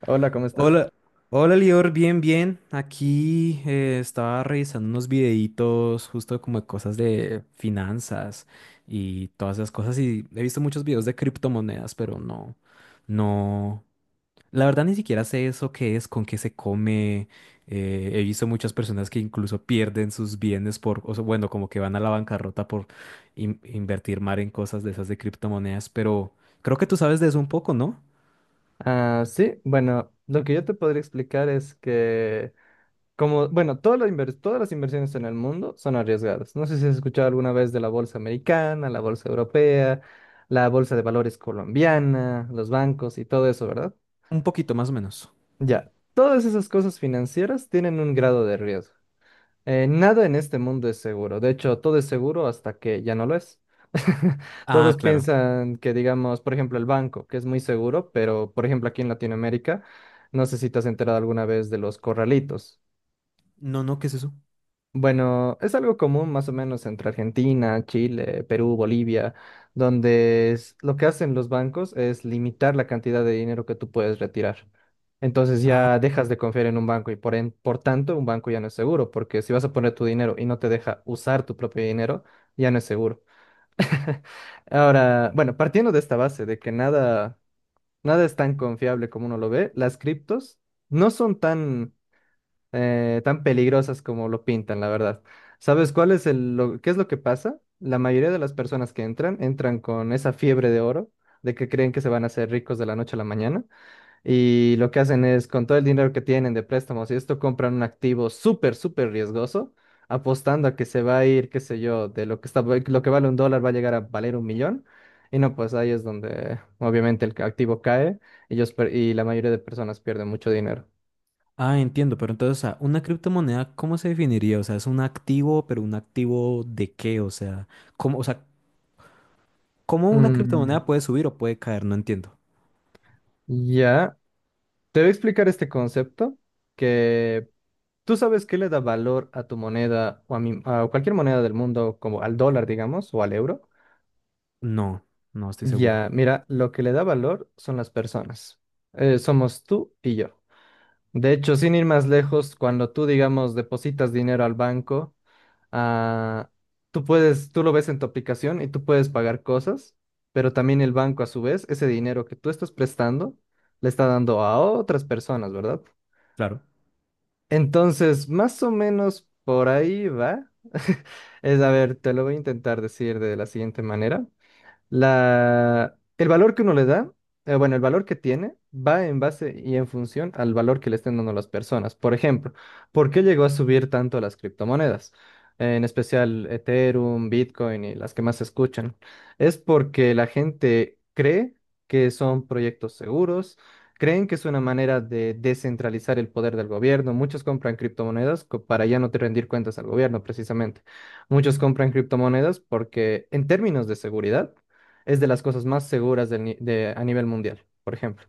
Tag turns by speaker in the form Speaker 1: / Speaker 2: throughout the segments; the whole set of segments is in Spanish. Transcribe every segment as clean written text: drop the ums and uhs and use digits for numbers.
Speaker 1: Hola, ¿cómo estás?
Speaker 2: Hola, hola Lior, bien, bien. Aquí estaba revisando unos videitos justo como de cosas de finanzas y todas esas cosas, y he visto muchos videos de criptomonedas, pero no, no. La verdad ni siquiera sé eso qué es, con qué se come. He visto muchas personas que incluso pierden sus bienes por, o sea, bueno, como que van a la bancarrota por invertir mal en cosas de esas de criptomonedas, pero creo que tú sabes de eso un poco, ¿no?
Speaker 1: Ah, sí, bueno, lo que yo te podría explicar es que, como, bueno, todas las inversiones en el mundo son arriesgadas. No sé si has escuchado alguna vez de la bolsa americana, la bolsa europea, la bolsa de valores colombiana, los bancos y todo eso, ¿verdad?
Speaker 2: Un poquito más o menos.
Speaker 1: Ya, todas esas cosas financieras tienen un grado de riesgo. Nada en este mundo es seguro. De hecho, todo es seguro hasta que ya no lo es.
Speaker 2: Ah,
Speaker 1: Todos
Speaker 2: claro.
Speaker 1: piensan que, digamos, por ejemplo, el banco, que es muy seguro, pero, por ejemplo, aquí en Latinoamérica, no sé si te has enterado alguna vez de los corralitos.
Speaker 2: No, no, ¿qué es eso?
Speaker 1: Bueno, es algo común más o menos entre Argentina, Chile, Perú, Bolivia, lo que hacen los bancos es limitar la cantidad de dinero que tú puedes retirar. Entonces
Speaker 2: Ah,
Speaker 1: ya dejas de confiar en un banco y por tanto un banco ya no es seguro, porque si vas a poner tu dinero y no te deja usar tu propio dinero, ya no es seguro. Ahora, bueno, partiendo de esta base de que nada es tan confiable como uno lo ve, las criptos no son tan peligrosas como lo pintan, la verdad. ¿Sabes cuál es el, lo- qué es lo que pasa? La mayoría de las personas que entran, entran con esa fiebre de oro, de que creen que se van a hacer ricos de la noche a la mañana, y lo que hacen es, con todo el dinero que tienen de préstamos y esto, compran un activo súper, súper riesgoso, apostando a que se va a ir, qué sé yo, de lo que está, lo que vale un dólar va a llegar a valer un millón. Y no, pues ahí es donde obviamente el activo cae, y la mayoría de personas pierden mucho dinero.
Speaker 2: ah, entiendo, pero entonces, o sea, una criptomoneda, ¿cómo se definiría? O sea, es un activo, pero ¿un activo de qué? O sea, ¿cómo una
Speaker 1: Mm,
Speaker 2: criptomoneda puede subir o puede caer? No entiendo.
Speaker 1: ya. Te voy a explicar este concepto que tú sabes qué le da valor a tu moneda o a cualquier moneda del mundo, como al dólar, digamos, o al euro.
Speaker 2: No, no estoy seguro.
Speaker 1: Ya, mira, lo que le da valor son las personas. Somos tú y yo. De hecho, sin ir más lejos, cuando tú, digamos, depositas dinero al banco, ah, tú puedes, tú lo ves en tu aplicación y tú puedes pagar cosas, pero también el banco, a su vez, ese dinero que tú estás prestando, le está dando a otras personas, ¿verdad?
Speaker 2: Claro.
Speaker 1: Entonces, más o menos por ahí va. A ver, te lo voy a intentar decir de la siguiente manera. El valor que uno le da, bueno, el valor que tiene va en base y en función al valor que le estén dando las personas. Por ejemplo, ¿por qué llegó a subir tanto las criptomonedas? En especial Ethereum, Bitcoin y las que más se escuchan. Es porque la gente cree que son proyectos seguros, creen que es una manera de descentralizar el poder del gobierno. Muchos compran criptomonedas para ya no te rendir cuentas al gobierno, precisamente. Muchos compran criptomonedas porque en términos de seguridad es de las cosas más seguras del ni- de- a nivel mundial, por ejemplo.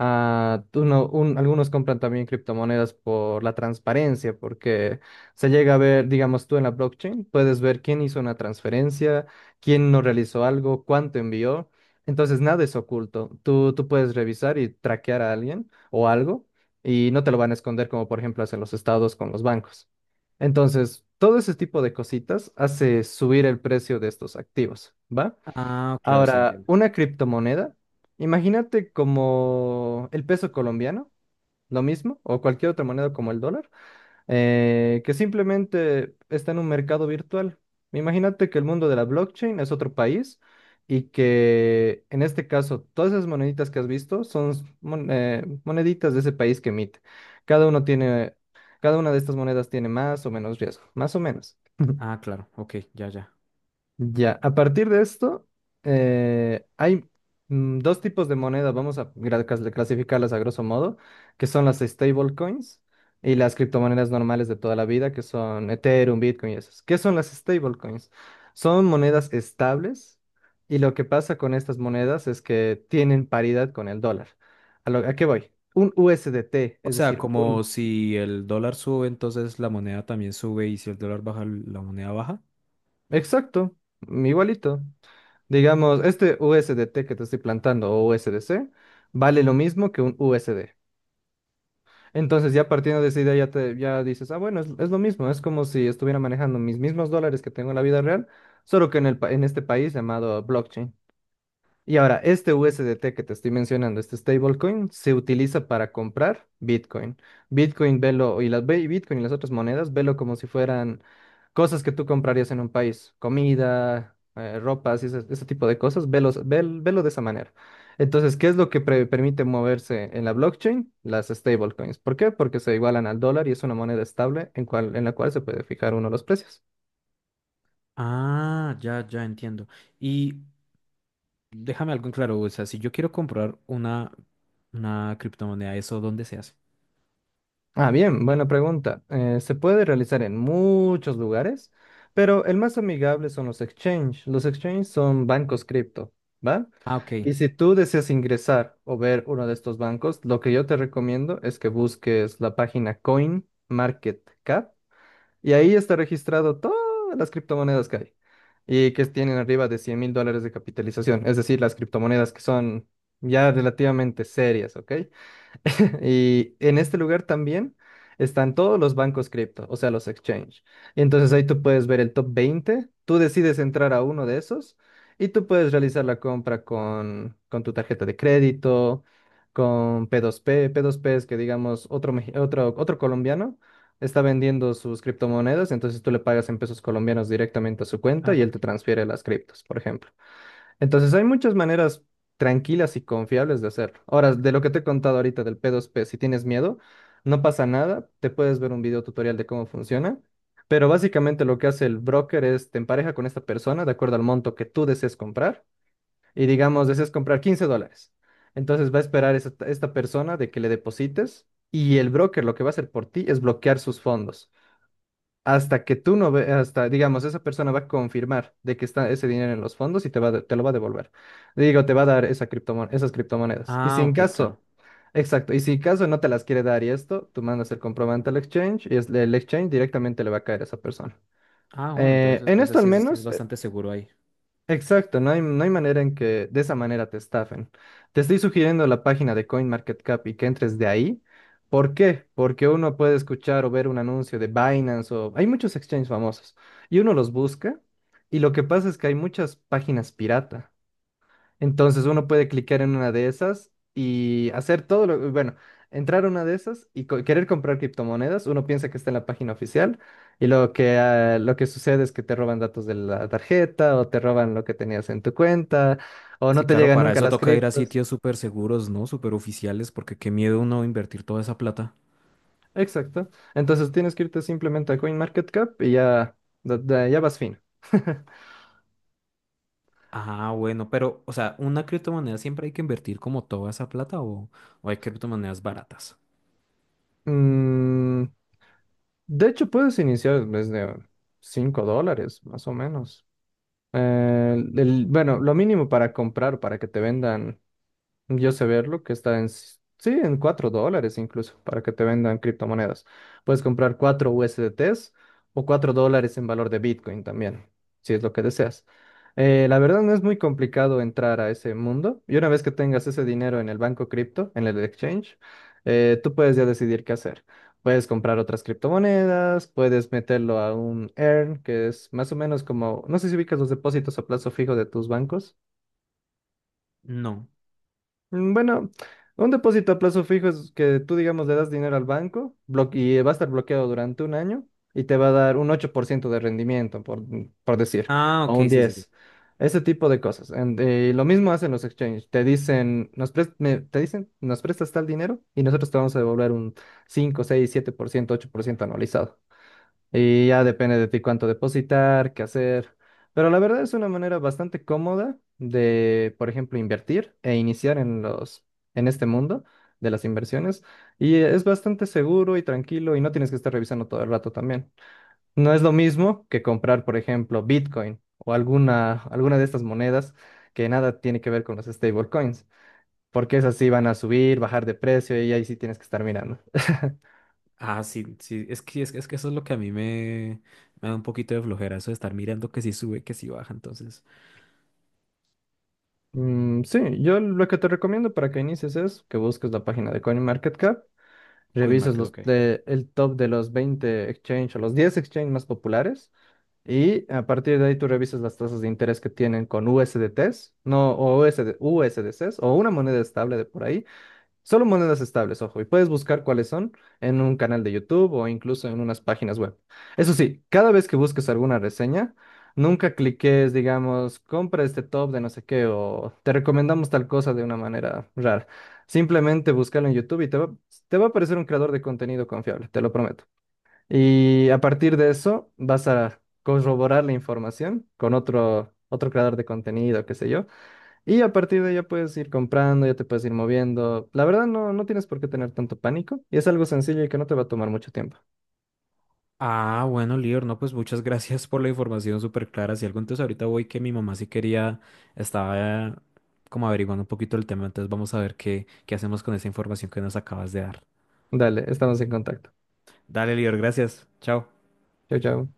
Speaker 1: Ah, tú no- un- algunos compran también criptomonedas por la transparencia, porque se llega a ver, digamos tú en la blockchain, puedes ver quién hizo una transferencia, quién no realizó algo, cuánto envió. Entonces nada es oculto. Tú puedes revisar y traquear a alguien o algo y no te lo van a esconder como por ejemplo hacen los estados con los bancos. Entonces, todo ese tipo de cositas hace subir el precio de estos activos, ¿va?
Speaker 2: Ah, claro, sí
Speaker 1: Ahora,
Speaker 2: entiendo.
Speaker 1: una criptomoneda, imagínate como el peso colombiano, lo mismo, o cualquier otra moneda como el dólar, que simplemente está en un mercado virtual. Imagínate que el mundo de la blockchain es otro país y que en este caso todas esas moneditas que has visto son moneditas de ese país que emite. Cada uno tiene, cada una de estas monedas tiene más o menos riesgo, más o menos.
Speaker 2: Ah, claro, ok, ya, ya.
Speaker 1: Ya, a partir de esto, hay dos tipos de moneda, vamos a clasificarlas a grosso modo, que son las stablecoins y las criptomonedas normales de toda la vida, que son Ethereum, Bitcoin y esas. ¿Qué son las stablecoins? Son monedas estables y lo que pasa con estas monedas es que tienen paridad con el dólar. ¿A qué voy? Un USDT,
Speaker 2: O
Speaker 1: es
Speaker 2: sea,
Speaker 1: decir,
Speaker 2: como
Speaker 1: uno.
Speaker 2: si el dólar sube, entonces la moneda también sube, y si el dólar baja, la moneda baja.
Speaker 1: Exacto, igualito. Digamos, este USDT que te estoy plantando o USDC vale lo mismo que un USD. Entonces, ya partiendo de esa idea, ya, ya dices, bueno, es lo mismo, es como si estuviera manejando mis mismos dólares que tengo en la vida real, solo que en este país llamado blockchain. Y ahora, este USDT que te estoy mencionando, este stablecoin, se utiliza para comprar Bitcoin. Bitcoin, velo, y las ve- Bitcoin y las otras monedas, velo como si fueran cosas que tú comprarías en un país, comida, ropas y ese tipo de cosas, velo de esa manera. Entonces, ¿qué es lo que permite moverse en la blockchain? Las stablecoins. ¿Por qué? Porque se igualan al dólar y es una moneda estable en la cual se puede fijar uno los precios.
Speaker 2: Ah, ya, ya entiendo. Y déjame algo en claro, o sea, si yo quiero comprar una criptomoneda, ¿eso dónde se hace?
Speaker 1: Ah, bien, buena pregunta. Se puede realizar en muchos lugares, pero el más amigable son los exchange. Los exchange son bancos cripto, ¿va?
Speaker 2: Ah, ok.
Speaker 1: Y si tú deseas ingresar o ver uno de estos bancos, lo que yo te recomiendo es que busques la página CoinMarketCap y ahí está registrado todas las criptomonedas que hay y que tienen arriba de $100.000 de capitalización, es decir, las criptomonedas que son ya relativamente serias, ¿ok? Y en este lugar también están todos los bancos cripto, o sea, los exchange. Entonces ahí tú puedes ver el top 20, tú decides entrar a uno de esos y tú puedes realizar la compra con tu tarjeta de crédito, con P2P. P2P es que, digamos, otro colombiano está vendiendo sus criptomonedas, entonces tú le pagas en pesos colombianos directamente a su cuenta
Speaker 2: Ah,
Speaker 1: y
Speaker 2: c-
Speaker 1: él te transfiere las criptos, por ejemplo. Entonces hay muchas maneras tranquilas y confiables de hacerlo. Ahora, de lo que te he contado ahorita del P2P, si tienes miedo, no pasa nada, te puedes ver un video tutorial de cómo funciona, pero básicamente lo que hace el broker es te empareja con esta persona de acuerdo al monto que tú desees comprar y digamos desees comprar $15. Entonces va a esperar esta persona de que le deposites y el broker lo que va a hacer por ti es bloquear sus fondos hasta que tú no ve, hasta, digamos, esa persona va a confirmar de que está ese dinero en los fondos y te lo va a devolver. Digo, te va a dar esas criptomonedas. Y si
Speaker 2: ah,
Speaker 1: en
Speaker 2: ok, claro.
Speaker 1: caso, exacto, y si en caso no te las quiere dar y esto, tú mandas el comprobante al exchange y el exchange directamente le va a caer a esa persona.
Speaker 2: Ah, bueno,
Speaker 1: Eh,
Speaker 2: entonces,
Speaker 1: en
Speaker 2: entonces
Speaker 1: esto al
Speaker 2: sí es
Speaker 1: menos,
Speaker 2: bastante seguro ahí.
Speaker 1: exacto, no hay manera en que de esa manera te estafen. Te estoy sugiriendo la página de CoinMarketCap y que entres de ahí. ¿Por qué? Porque uno puede escuchar o ver un anuncio de Binance o hay muchos exchanges famosos y uno los busca y lo que pasa es que hay muchas páginas pirata. Entonces uno puede clicar en una de esas y hacer bueno, entrar a una de esas y querer comprar criptomonedas. Uno piensa que está en la página oficial y lo que sucede es que te roban datos de la tarjeta o te roban lo que tenías en tu cuenta o no
Speaker 2: Sí,
Speaker 1: te
Speaker 2: claro,
Speaker 1: llegan
Speaker 2: para
Speaker 1: nunca
Speaker 2: eso
Speaker 1: las
Speaker 2: toca ir a
Speaker 1: criptos.
Speaker 2: sitios súper seguros, ¿no? Súper oficiales, porque qué miedo uno invertir toda esa plata.
Speaker 1: Exacto. Entonces tienes que irte simplemente a CoinMarketCap y ya vas fino.
Speaker 2: Ah, bueno, pero, o sea, ¿una criptomoneda siempre hay que invertir como toda esa plata, o hay criptomonedas baratas?
Speaker 1: Mm, de hecho, puedes iniciar desde $5, más o menos. Bueno, lo mínimo para comprar, para que te vendan. Yo sé verlo, que está sí, en $4 incluso, para que te vendan criptomonedas. Puedes comprar 4 USDTs o $4 en valor de Bitcoin también, si es lo que deseas. La verdad no es muy complicado entrar a ese mundo. Y una vez que tengas ese dinero en el banco cripto, en el exchange, tú puedes ya decidir qué hacer. Puedes comprar otras criptomonedas, puedes meterlo a un earn, que es más o menos como, no sé si ubicas los depósitos a plazo fijo de tus bancos.
Speaker 2: No.
Speaker 1: Bueno, un depósito a plazo fijo es que tú, digamos, le das dinero al banco y va a estar bloqueado durante un año y te va a dar un 8% de rendimiento, por decir,
Speaker 2: Ah,
Speaker 1: o
Speaker 2: ok,
Speaker 1: un
Speaker 2: sí, sí, sí.
Speaker 1: 10%. Ese tipo de cosas. Y lo mismo hacen los exchanges. Te dicen, nos prestas tal dinero y nosotros te vamos a devolver un 5, 6, 7%, 8% anualizado. Y ya depende de ti cuánto depositar, qué hacer. Pero la verdad es una manera bastante cómoda de, por ejemplo, invertir e iniciar en este mundo de las inversiones. Y es bastante seguro y tranquilo y no tienes que estar revisando todo el rato también. No es lo mismo que comprar, por ejemplo, Bitcoin o alguna de estas monedas que nada tiene que ver con los stablecoins, porque esas sí van a subir, bajar de precio y ahí sí tienes que estar mirando.
Speaker 2: Ah, sí, sí, es que, es, es que eso es lo que a mí me, me da un poquito de flojera, eso de estar mirando que si sube, que si baja, entonces,
Speaker 1: Mm, sí, yo lo que te recomiendo para que inicies es que busques la página de CoinMarketCap, revises
Speaker 2: CoinMarket,
Speaker 1: los,
Speaker 2: ok.
Speaker 1: eh, el top de los 20 exchange o los 10 exchange más populares y a partir de ahí tú revises las tasas de interés que tienen con USDTs, no, o USD, USDCs o una moneda estable de por ahí Solo monedas estables, ojo, y puedes buscar cuáles son en un canal de YouTube o incluso en unas páginas web. Eso sí, cada vez que busques alguna reseña, nunca cliques, digamos, compra este top de no sé qué o te recomendamos tal cosa de una manera rara. Simplemente búscalo en YouTube y te va a aparecer un creador de contenido confiable, te lo prometo. Y a partir de eso vas a corroborar la información con otro creador de contenido, qué sé yo. Y a partir de ahí ya puedes ir comprando, ya te puedes ir moviendo. La verdad no, no tienes por qué tener tanto pánico y es algo sencillo y que no te va a tomar mucho tiempo.
Speaker 2: Ah, bueno, Lior, no, pues muchas gracias por la información súper clara. Si algo, entonces ahorita voy que mi mamá sí quería, estaba como averiguando un poquito el tema, entonces vamos a ver qué, qué hacemos con esa información que nos acabas de dar.
Speaker 1: Dale, estamos en contacto.
Speaker 2: Dale, Lior, gracias. Chao.
Speaker 1: Chau, chau.